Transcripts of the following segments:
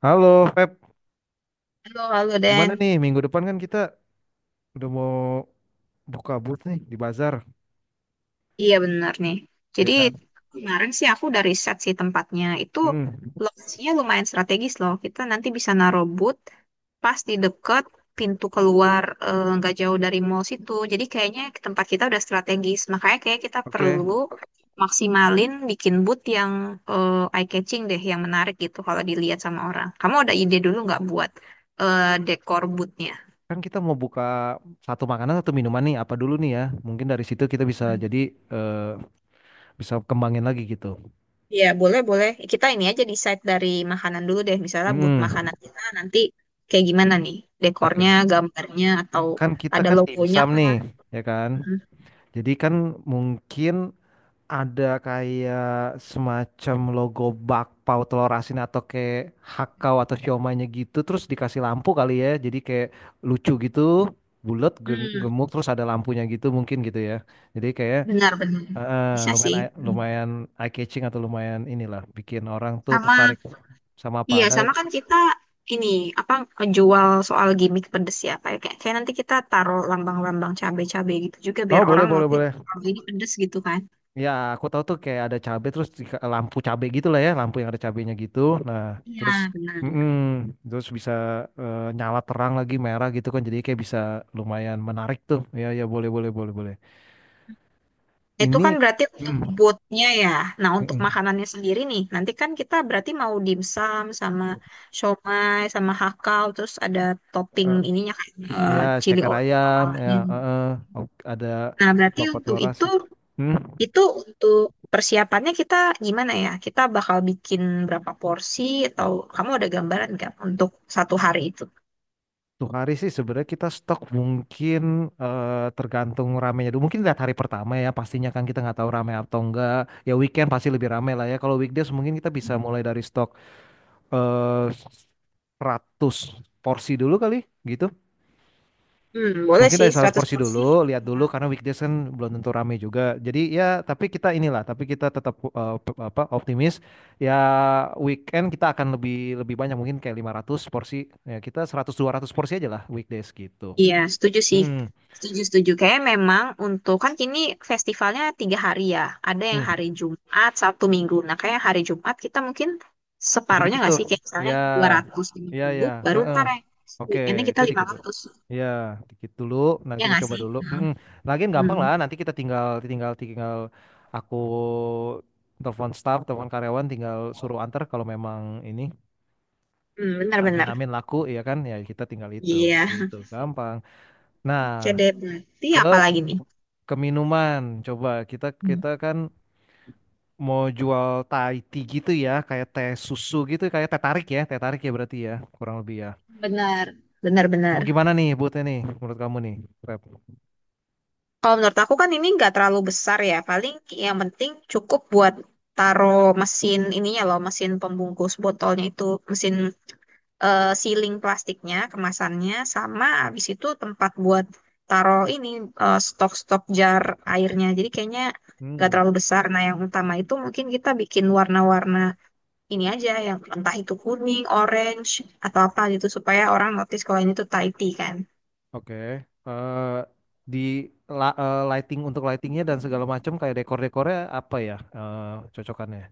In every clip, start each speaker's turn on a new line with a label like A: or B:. A: Halo, Feb.
B: Halo, halo Dan.
A: Gimana nih? Minggu depan kan kita udah mau buka booth nih di bazar,
B: Iya, benar nih.
A: ya
B: Jadi
A: kan?
B: kemarin sih aku udah riset sih tempatnya. Itu
A: Hmm.
B: lokasinya lumayan strategis loh. Kita nanti bisa naruh booth pas di deket pintu keluar, nggak jauh dari mall situ. Jadi kayaknya tempat kita udah strategis. Makanya kayak kita
A: Oke.
B: perlu maksimalin bikin booth yang eye catching deh, yang menarik gitu kalau dilihat sama orang. Kamu ada ide dulu nggak buat dekor boothnya?
A: Kan kita mau buka satu makanan atau minuman nih, apa dulu nih ya? Mungkin dari situ kita bisa jadi eh, bisa kembangin lagi gitu.
B: Iya, boleh, boleh. Kita ini aja decide dari makanan dulu deh. Misalnya buat
A: Hmm.
B: makanan kita nanti kayak gimana nih? Dekornya,
A: Oke.
B: gambarnya, atau
A: Kan kita
B: ada
A: kan
B: logonya
A: dimsum nih,
B: kah?
A: ya kan?
B: Mhm.
A: Jadi kan mungkin ada kayak semacam logo bakpao telur asin atau kayak hakau atau siomaynya gitu terus dikasih lampu kali ya, jadi kayak lucu gitu, bulat
B: Hmm,
A: gemuk terus ada lampunya gitu mungkin gitu ya, jadi kayak
B: benar-benar.
A: eh,
B: Bisa
A: lumayan
B: sih. Hmm.
A: lumayan eye catching atau lumayan inilah bikin orang tuh
B: Sama,
A: tertarik sama apa
B: iya,
A: ada.
B: sama kan kita ini, apa, jual soal gimmick pedes ya. Kayak, kayak kayak nanti kita taruh lambang-lambang cabai-cabai gitu juga
A: Oh,
B: biar
A: boleh
B: orang
A: boleh
B: notice
A: boleh.
B: kalau ini pedes gitu kan.
A: Ya, aku tahu tuh kayak ada cabe terus lampu cabe gitu lah ya, lampu yang ada cabenya gitu. Nah,
B: Iya,
A: terus
B: benar.
A: mm-mm, terus bisa nyala terang lagi merah gitu kan, jadi kayak bisa lumayan menarik tuh. Ya ya, boleh boleh boleh boleh.
B: Itu kan
A: Ini,
B: berarti untuk
A: mm,
B: bootnya ya. Nah, untuk
A: mm-mm.
B: makanannya sendiri nih, nanti kan kita berarti mau dimsum sama siomay sama hakau, terus ada topping
A: Eh,
B: ininya kayak
A: Ya,
B: chili
A: ceker
B: oil
A: ayam ya
B: malanya.
A: eh, eh. Ok, ada
B: Nah, berarti
A: bakpao
B: untuk
A: telur asin. Hmm.
B: itu untuk persiapannya kita gimana ya? Kita bakal bikin berapa porsi atau kamu ada gambaran nggak untuk satu hari itu?
A: Untuk hari sih sebenarnya kita stok mungkin tergantung ramenya dulu. Mungkin lihat hari pertama ya, pastinya kan kita nggak tahu rame atau enggak. Ya, weekend pasti lebih rame lah ya. Kalau weekdays mungkin kita bisa mulai dari stok eh 100 porsi dulu kali gitu.
B: Hmm, boleh
A: Mungkin dari
B: sih,
A: 100
B: 100
A: porsi
B: porsi.
A: dulu, lihat dulu karena weekdays kan belum tentu rame juga. Jadi ya tapi kita inilah, tapi kita tetap apa, optimis ya weekend kita akan lebih lebih banyak, mungkin kayak 500 porsi. Ya kita 100 200 porsi aja lah weekdays gitu.
B: Iya, setuju sih.
A: Hmm.
B: Setuju, setuju. Kayak memang untuk kan kini festivalnya 3 hari ya. Ada yang
A: Hmm,
B: hari Jumat, Sabtu, Minggu. Nah, kayak hari Jumat kita mungkin
A: Lebih
B: separohnya
A: dikit
B: nggak
A: tuh.
B: sih? Kayak misalnya
A: Ya,
B: dua ratus lima
A: ya, ya.
B: puluh baru
A: Heeh.
B: ntar yang
A: Oke,
B: weekendnya kita
A: itu
B: lima
A: dikit dulu.
B: ratus
A: Ya, dikit dulu. Nah,
B: Ya
A: kita
B: nggak
A: coba
B: sih?
A: dulu. Mm-mm. Lagian gampang
B: Hmm,
A: lah. Nanti kita tinggal, tinggal, tinggal. Aku telepon staff, telepon karyawan, tinggal suruh antar kalau memang ini.
B: hmm,
A: Amin,
B: benar-benar.
A: amin laku, ya kan? Ya, kita tinggal itu,
B: Iya.
A: gitu. Gampang. Nah,
B: Oke deh, berarti
A: ke
B: apa lagi nih?
A: ke minuman. Coba kita
B: Hmm.
A: kita kan mau jual Thai tea gitu ya, kayak teh susu gitu, kayak teh tarik ya berarti ya, kurang lebih ya.
B: Benar,
A: Mau
B: benar-benar.
A: gimana nih buatnya nih menurut kamu nih, Rep?
B: Kalau menurut aku kan ini nggak terlalu besar ya, paling yang penting cukup buat taruh mesin ininya loh, mesin pembungkus botolnya itu, mesin sealing plastiknya, kemasannya, sama habis itu tempat buat taruh ini stok-stok jar airnya. Jadi kayaknya nggak
A: Hmm,
B: terlalu besar. Nah, yang utama itu mungkin kita bikin warna-warna ini aja, yang entah itu kuning, orange, atau apa gitu supaya orang notice kalau ini tuh Thai tea kan.
A: oke. Eh di lighting untuk lightingnya dan segala macam kayak dekor-dekornya apa ya, cocokannya?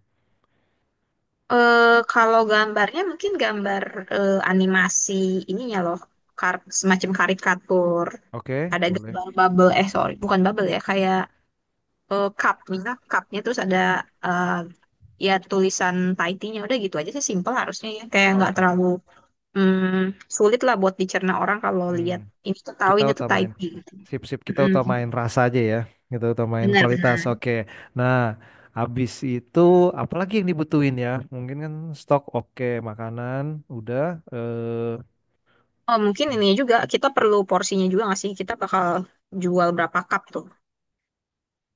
B: Eh, kalau gambarnya mungkin gambar animasi ininya loh, semacam karikatur.
A: Oke,
B: Ada
A: boleh.
B: gambar bubble, eh sorry, bukan bubble ya, kayak cupnya terus ada eh, ya tulisan Tahitinya, udah gitu aja sih, simple harusnya ya, kayak nggak
A: Oke.
B: terlalu mm, sulit lah buat dicerna orang kalau
A: Hmm,
B: lihat ini tuh, tahu
A: Kita
B: ini tuh
A: utamain.
B: Tahiti gitu.
A: Sip, sip, kita utamain
B: mm
A: rasa aja ya. Kita utamain kualitas.
B: Benar-benar.
A: Oke. Nah, habis itu apalagi yang dibutuhin ya? Mungkin kan stok oke, makanan udah. eh,
B: Oh mungkin ini juga kita perlu porsinya juga nggak sih? Kita bakal jual berapa cup tuh?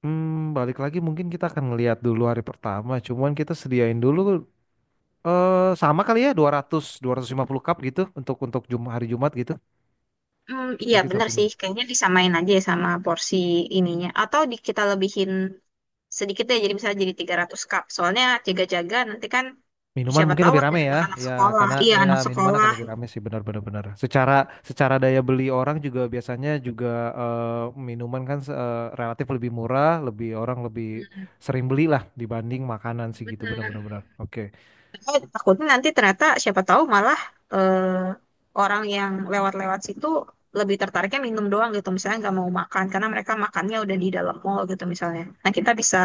A: Balik lagi mungkin kita akan ngelihat dulu hari pertama. Cuman kita sediain dulu sama kali ya dua 200, 250 cup gitu untuk hari Jumat gitu.
B: Hmm, iya
A: Mungkin
B: bener
A: Sabtu
B: sih,
A: Minggu.
B: kayaknya disamain aja ya sama porsi ininya. Atau kita lebihin sedikit ya, jadi misalnya jadi 300 cup. Soalnya jaga-jaga nanti kan
A: Minuman
B: siapa
A: mungkin
B: tahu
A: lebih
B: ada
A: rame ya.
B: anak-anak
A: Ya,
B: sekolah.
A: karena
B: Iya,
A: ya
B: anak
A: minuman akan
B: sekolah.
A: lebih rame sih, benar-benar benar. Benar, benar. Secara secara daya beli orang juga biasanya juga, eh, minuman kan, relatif lebih murah, lebih orang lebih
B: Benar,
A: sering beli lah dibanding makanan sih gitu, benar-benar
B: benar.
A: benar. Benar, benar. Oke.
B: Saya takutnya nanti ternyata siapa tahu malah eh, orang yang lewat-lewat situ lebih tertariknya minum doang gitu. Misalnya nggak mau makan, karena mereka makannya udah di dalam mall gitu misalnya. Nah, kita bisa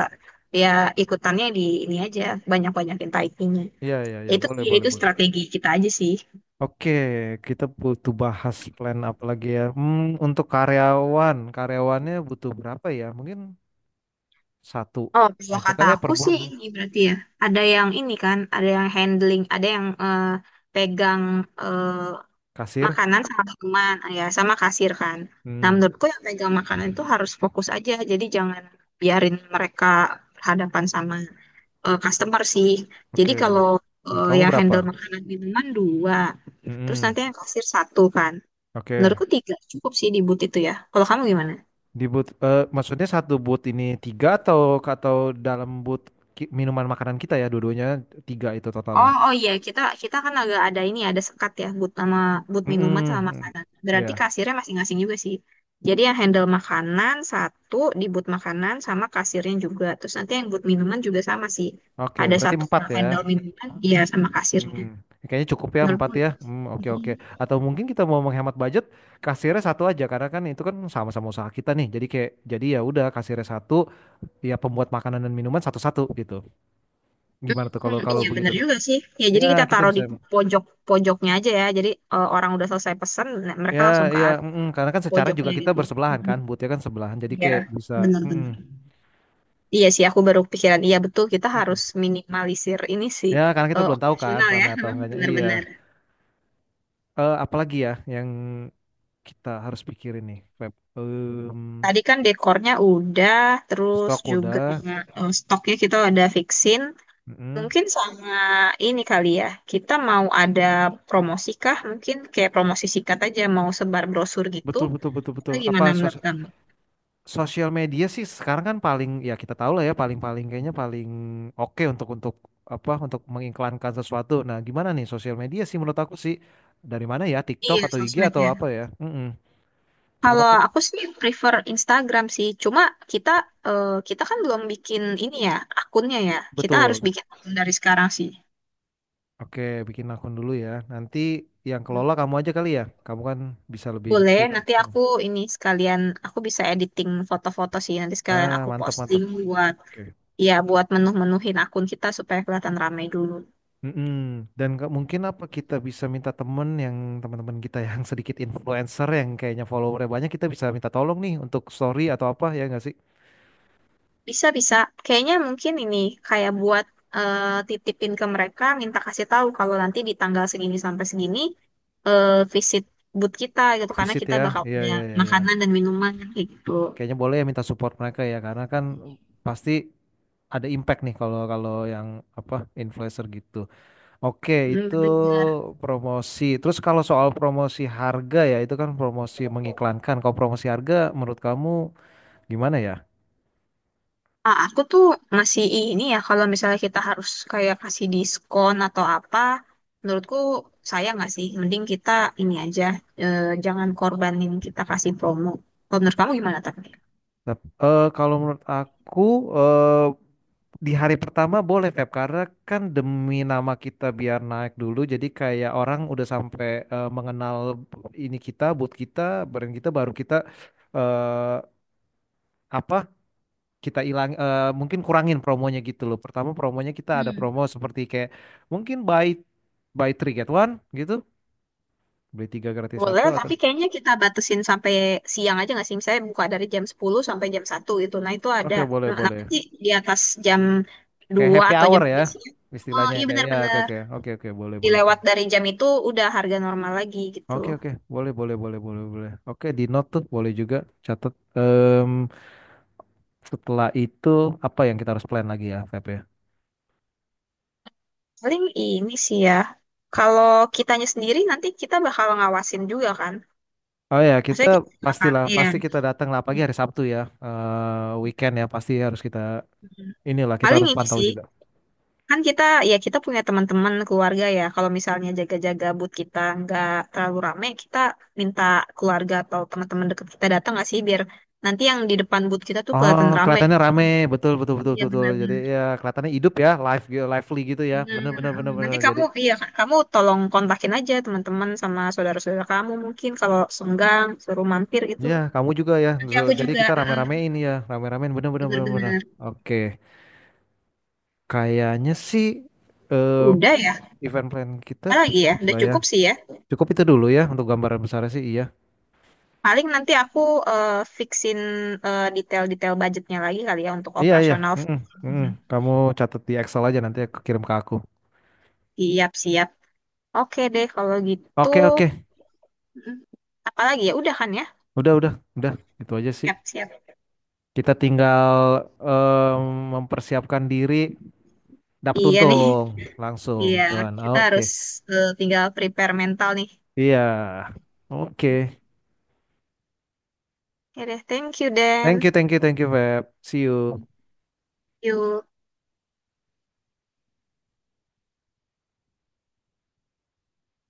B: ya ikutannya di ini aja, banyak-banyakin taipingnya.
A: Iya, iya, iya,
B: Itu
A: boleh
B: ya
A: boleh
B: itu
A: boleh.
B: strategi kita aja sih.
A: Oke, kita butuh bahas plan apa lagi ya? Untuk karyawannya butuh berapa ya? Mungkin satu
B: Oh, kalau
A: aja
B: kata
A: kali ya per
B: aku sih
A: bulan.
B: ini berarti ya. Ada yang ini kan, ada yang handling, ada yang pegang eh,
A: Kasir.
B: makanan sama teman, ah, ya sama kasir kan. Nah,
A: Hmm,
B: menurutku yang pegang makanan itu harus fokus aja. Jadi jangan biarin mereka berhadapan sama customer sih. Jadi
A: oke.
B: kalau
A: Menurut kamu
B: yang
A: berapa?
B: handle makanan minuman dua, terus
A: Hmm,
B: nanti yang kasir satu kan.
A: oke.
B: Menurutku tiga cukup sih di booth itu ya. Kalau kamu gimana?
A: Di booth, maksudnya satu booth ini tiga atau atau dalam booth minuman makanan kita ya, dua-duanya tiga itu totalnya.
B: Oh, oh iya, kita kita kan agak ada ini, ada sekat ya but sama but
A: Hmm,
B: minuman sama
A: hmm, hmm.
B: makanan. Berarti
A: Ya.
B: kasirnya masing-masing juga sih. Jadi yang handle makanan satu di but makanan sama kasirnya juga. Terus nanti yang but minuman juga sama sih.
A: Oke,
B: Ada
A: berarti
B: satu
A: empat
B: yang
A: ya.
B: handle minuman, iya sama kasirnya.
A: Hmm, Kayaknya cukup ya empat
B: Menurutku,
A: ya. Hmm, oke
B: hmm,
A: oke. Atau mungkin kita mau menghemat budget, kasirnya satu aja karena kan itu kan sama-sama usaha kita nih. Jadi kayak jadi ya udah kasirnya satu, ya pembuat makanan dan minuman satu-satu gitu. Gimana tuh kalau kalau
B: iya
A: begitu?
B: bener juga sih. Ya
A: Ya
B: jadi kita
A: kita
B: taruh
A: bisa.
B: di pojok pojoknya aja ya. Jadi orang udah selesai pesen, nah
A: Ya
B: mereka langsung ke
A: ya,
B: arah
A: karena kan secara juga
B: pojoknya
A: kita
B: gitu.
A: bersebelahan
B: Mhm.
A: kan, butnya kan sebelahan. Jadi
B: Iya,
A: kayak bisa. Mm,
B: bener-bener. Iya sih, aku baru pikiran. Iya betul, kita
A: mm.
B: harus minimalisir ini sih,
A: Ya karena kita belum tahu kan
B: operasional ya,
A: ramai atau
B: memang
A: enggaknya. Iya.
B: benar-benar.
A: Apalagi ya yang kita harus pikirin nih, Feb?
B: Tadi kan dekornya udah, terus
A: Stok
B: juga
A: udah.
B: stoknya kita ada fixin.
A: Mm.
B: Mungkin sama ini kali ya, kita mau ada promosi kah? Mungkin kayak promosi sikat aja, mau sebar brosur gitu.
A: Betul betul betul
B: Atau
A: betul.
B: gimana
A: Apa
B: menurut kamu?
A: sosial media sih sekarang kan paling ya kita tahu lah ya paling-paling kayaknya paling oke untuk apa untuk mengiklankan sesuatu. Nah, gimana nih sosial media sih menurut aku sih dari mana ya, TikTok
B: Iya,
A: atau IG atau
B: sosmednya.
A: apa ya? Cuma
B: Kalau
A: aku
B: aku sih prefer Instagram sih. Cuma kita kita kan belum bikin ini ya, akunnya ya. Kita harus
A: betul.
B: bikin akun dari sekarang sih.
A: Oke, bikin akun dulu ya. Nanti yang kelola kamu aja kali ya. Kamu kan bisa lebih
B: Boleh,
A: ngerti tuh.
B: nanti
A: Nah.
B: aku ini sekalian aku bisa editing foto-foto sih, nanti sekalian
A: Ah,
B: aku
A: mantap mantap.
B: posting buat
A: Oke.
B: ya buat menuh-menuhin akun kita supaya kelihatan ramai dulu.
A: Mm-mm. Dan nggak mungkin apa kita bisa minta temen yang teman-teman kita yang sedikit influencer yang kayaknya followernya banyak, kita bisa minta tolong nih untuk story atau apa ya nggak sih?
B: Bisa, bisa. Kayaknya mungkin ini kayak buat eh, titipin ke mereka, minta kasih tahu kalau nanti di tanggal segini sampai segini eh, visit booth kita gitu karena
A: Visit
B: kita
A: ya,
B: bakal
A: iya
B: punya
A: iya iya iya,
B: makanan dan minuman kayak gitu.
A: kayaknya boleh ya minta support mereka ya, karena kan pasti ada impact nih kalau kalau yang apa influencer gitu. Oke,
B: Hmm,
A: itu
B: bener.
A: promosi. Terus kalau soal promosi harga, ya itu kan promosi mengiklankan. Kalau promosi harga menurut kamu gimana ya?
B: Ah, aku tuh masih ini ya, kalau misalnya kita harus kayak kasih diskon atau apa, menurutku sayang nggak sih? Mending kita ini aja, jangan korbanin kita kasih promo. Kalau menurut kamu gimana tapi?
A: Kalau menurut aku, eh, di hari pertama boleh Feb, karena kan demi nama kita biar naik dulu, jadi kayak orang udah sampai mengenal ini kita, boot kita, brand kita, baru kita eh apa, kita hilang, mungkin kurangin promonya gitu loh. Pertama promonya kita ada promo
B: Hmm.
A: seperti kayak mungkin buy buy three get one gitu, beli tiga gratis
B: Boleh,
A: satu atau
B: tapi kayaknya kita batasin sampai siang aja nggak sih? Misalnya buka dari jam 10 sampai jam 1 gitu. Nah, itu ada.
A: oke boleh
B: Nah,
A: boleh,
B: nanti di atas jam
A: kayak
B: dua
A: happy
B: atau
A: hour
B: jam
A: ya
B: 3 siang. Oh,
A: istilahnya
B: iya
A: kayak ya, oke
B: benar-benar.
A: oke oke oke, boleh boleh.
B: Dilewat dari jam itu udah harga normal lagi gitu.
A: Oke oke, boleh boleh boleh boleh boleh, oke, di note tuh boleh juga catat. Setelah itu apa yang kita harus plan lagi ya Feb ya?
B: Paling ini sih ya, kalau kitanya sendiri nanti kita bakal ngawasin juga kan.
A: Oh ya, kita
B: Maksudnya kita juga akan,
A: pastilah
B: iya.
A: pasti kita datang lah pagi hari Sabtu ya. Weekend ya pasti harus kita
B: Mhm.
A: inilah, kita
B: Paling
A: harus
B: ini
A: pantau
B: sih,
A: juga.
B: kan kita punya teman-teman keluarga ya. Kalau misalnya jaga-jaga but kita nggak terlalu rame, kita minta keluarga atau teman-teman dekat kita datang nggak sih biar nanti yang di depan but kita tuh
A: Oh,
B: kelihatan rame.
A: kelihatannya rame betul betul betul
B: Iya
A: betul, betul. Jadi
B: benar-benar.
A: ya kelihatannya hidup ya, live gitu, lively gitu ya,
B: Benar.
A: bener
B: Benar.
A: bener bener bener.
B: Nanti
A: Jadi
B: kamu, iya Kak, kamu tolong kontakin aja teman-teman sama saudara-saudara kamu mungkin kalau senggang suruh mampir gitu.
A: ya kamu juga ya,
B: Nanti
A: so
B: aku
A: jadi
B: juga,
A: kita
B: mm-mm,
A: rame-ramein ya rame-ramein, bener bener bener bener.
B: bener-bener.
A: Oke, kayaknya sih eh,
B: Udah ya,
A: event plan kita
B: apa lagi ya?
A: cukup
B: Udah
A: lah ya.
B: cukup sih ya.
A: Cukup itu dulu ya untuk gambaran besarnya sih, iya.
B: Paling nanti aku eh, fixin detail-detail budgetnya lagi kali ya untuk
A: Iya iya.
B: operasional.
A: Mm-mm, mm-mm.
B: Mm-mm.
A: Kamu catat di Excel aja, nanti aku kirim ke aku.
B: Siap-siap. Oke deh, kalau gitu.
A: Oke oke.
B: Mm-mm. Apa lagi ya? Udah kan ya?
A: Udah udah. Itu aja sih.
B: Siap-siap.
A: Kita tinggal, em, mempersiapkan diri dapat
B: Iya nih.
A: untung langsung,
B: Iya,
A: cuan.
B: kita
A: Oke.
B: harus tinggal prepare mental nih.
A: Iya. Oke.
B: Oke deh, thank you Dan.
A: Thank you thank you thank you Feb. See you.
B: Yuk.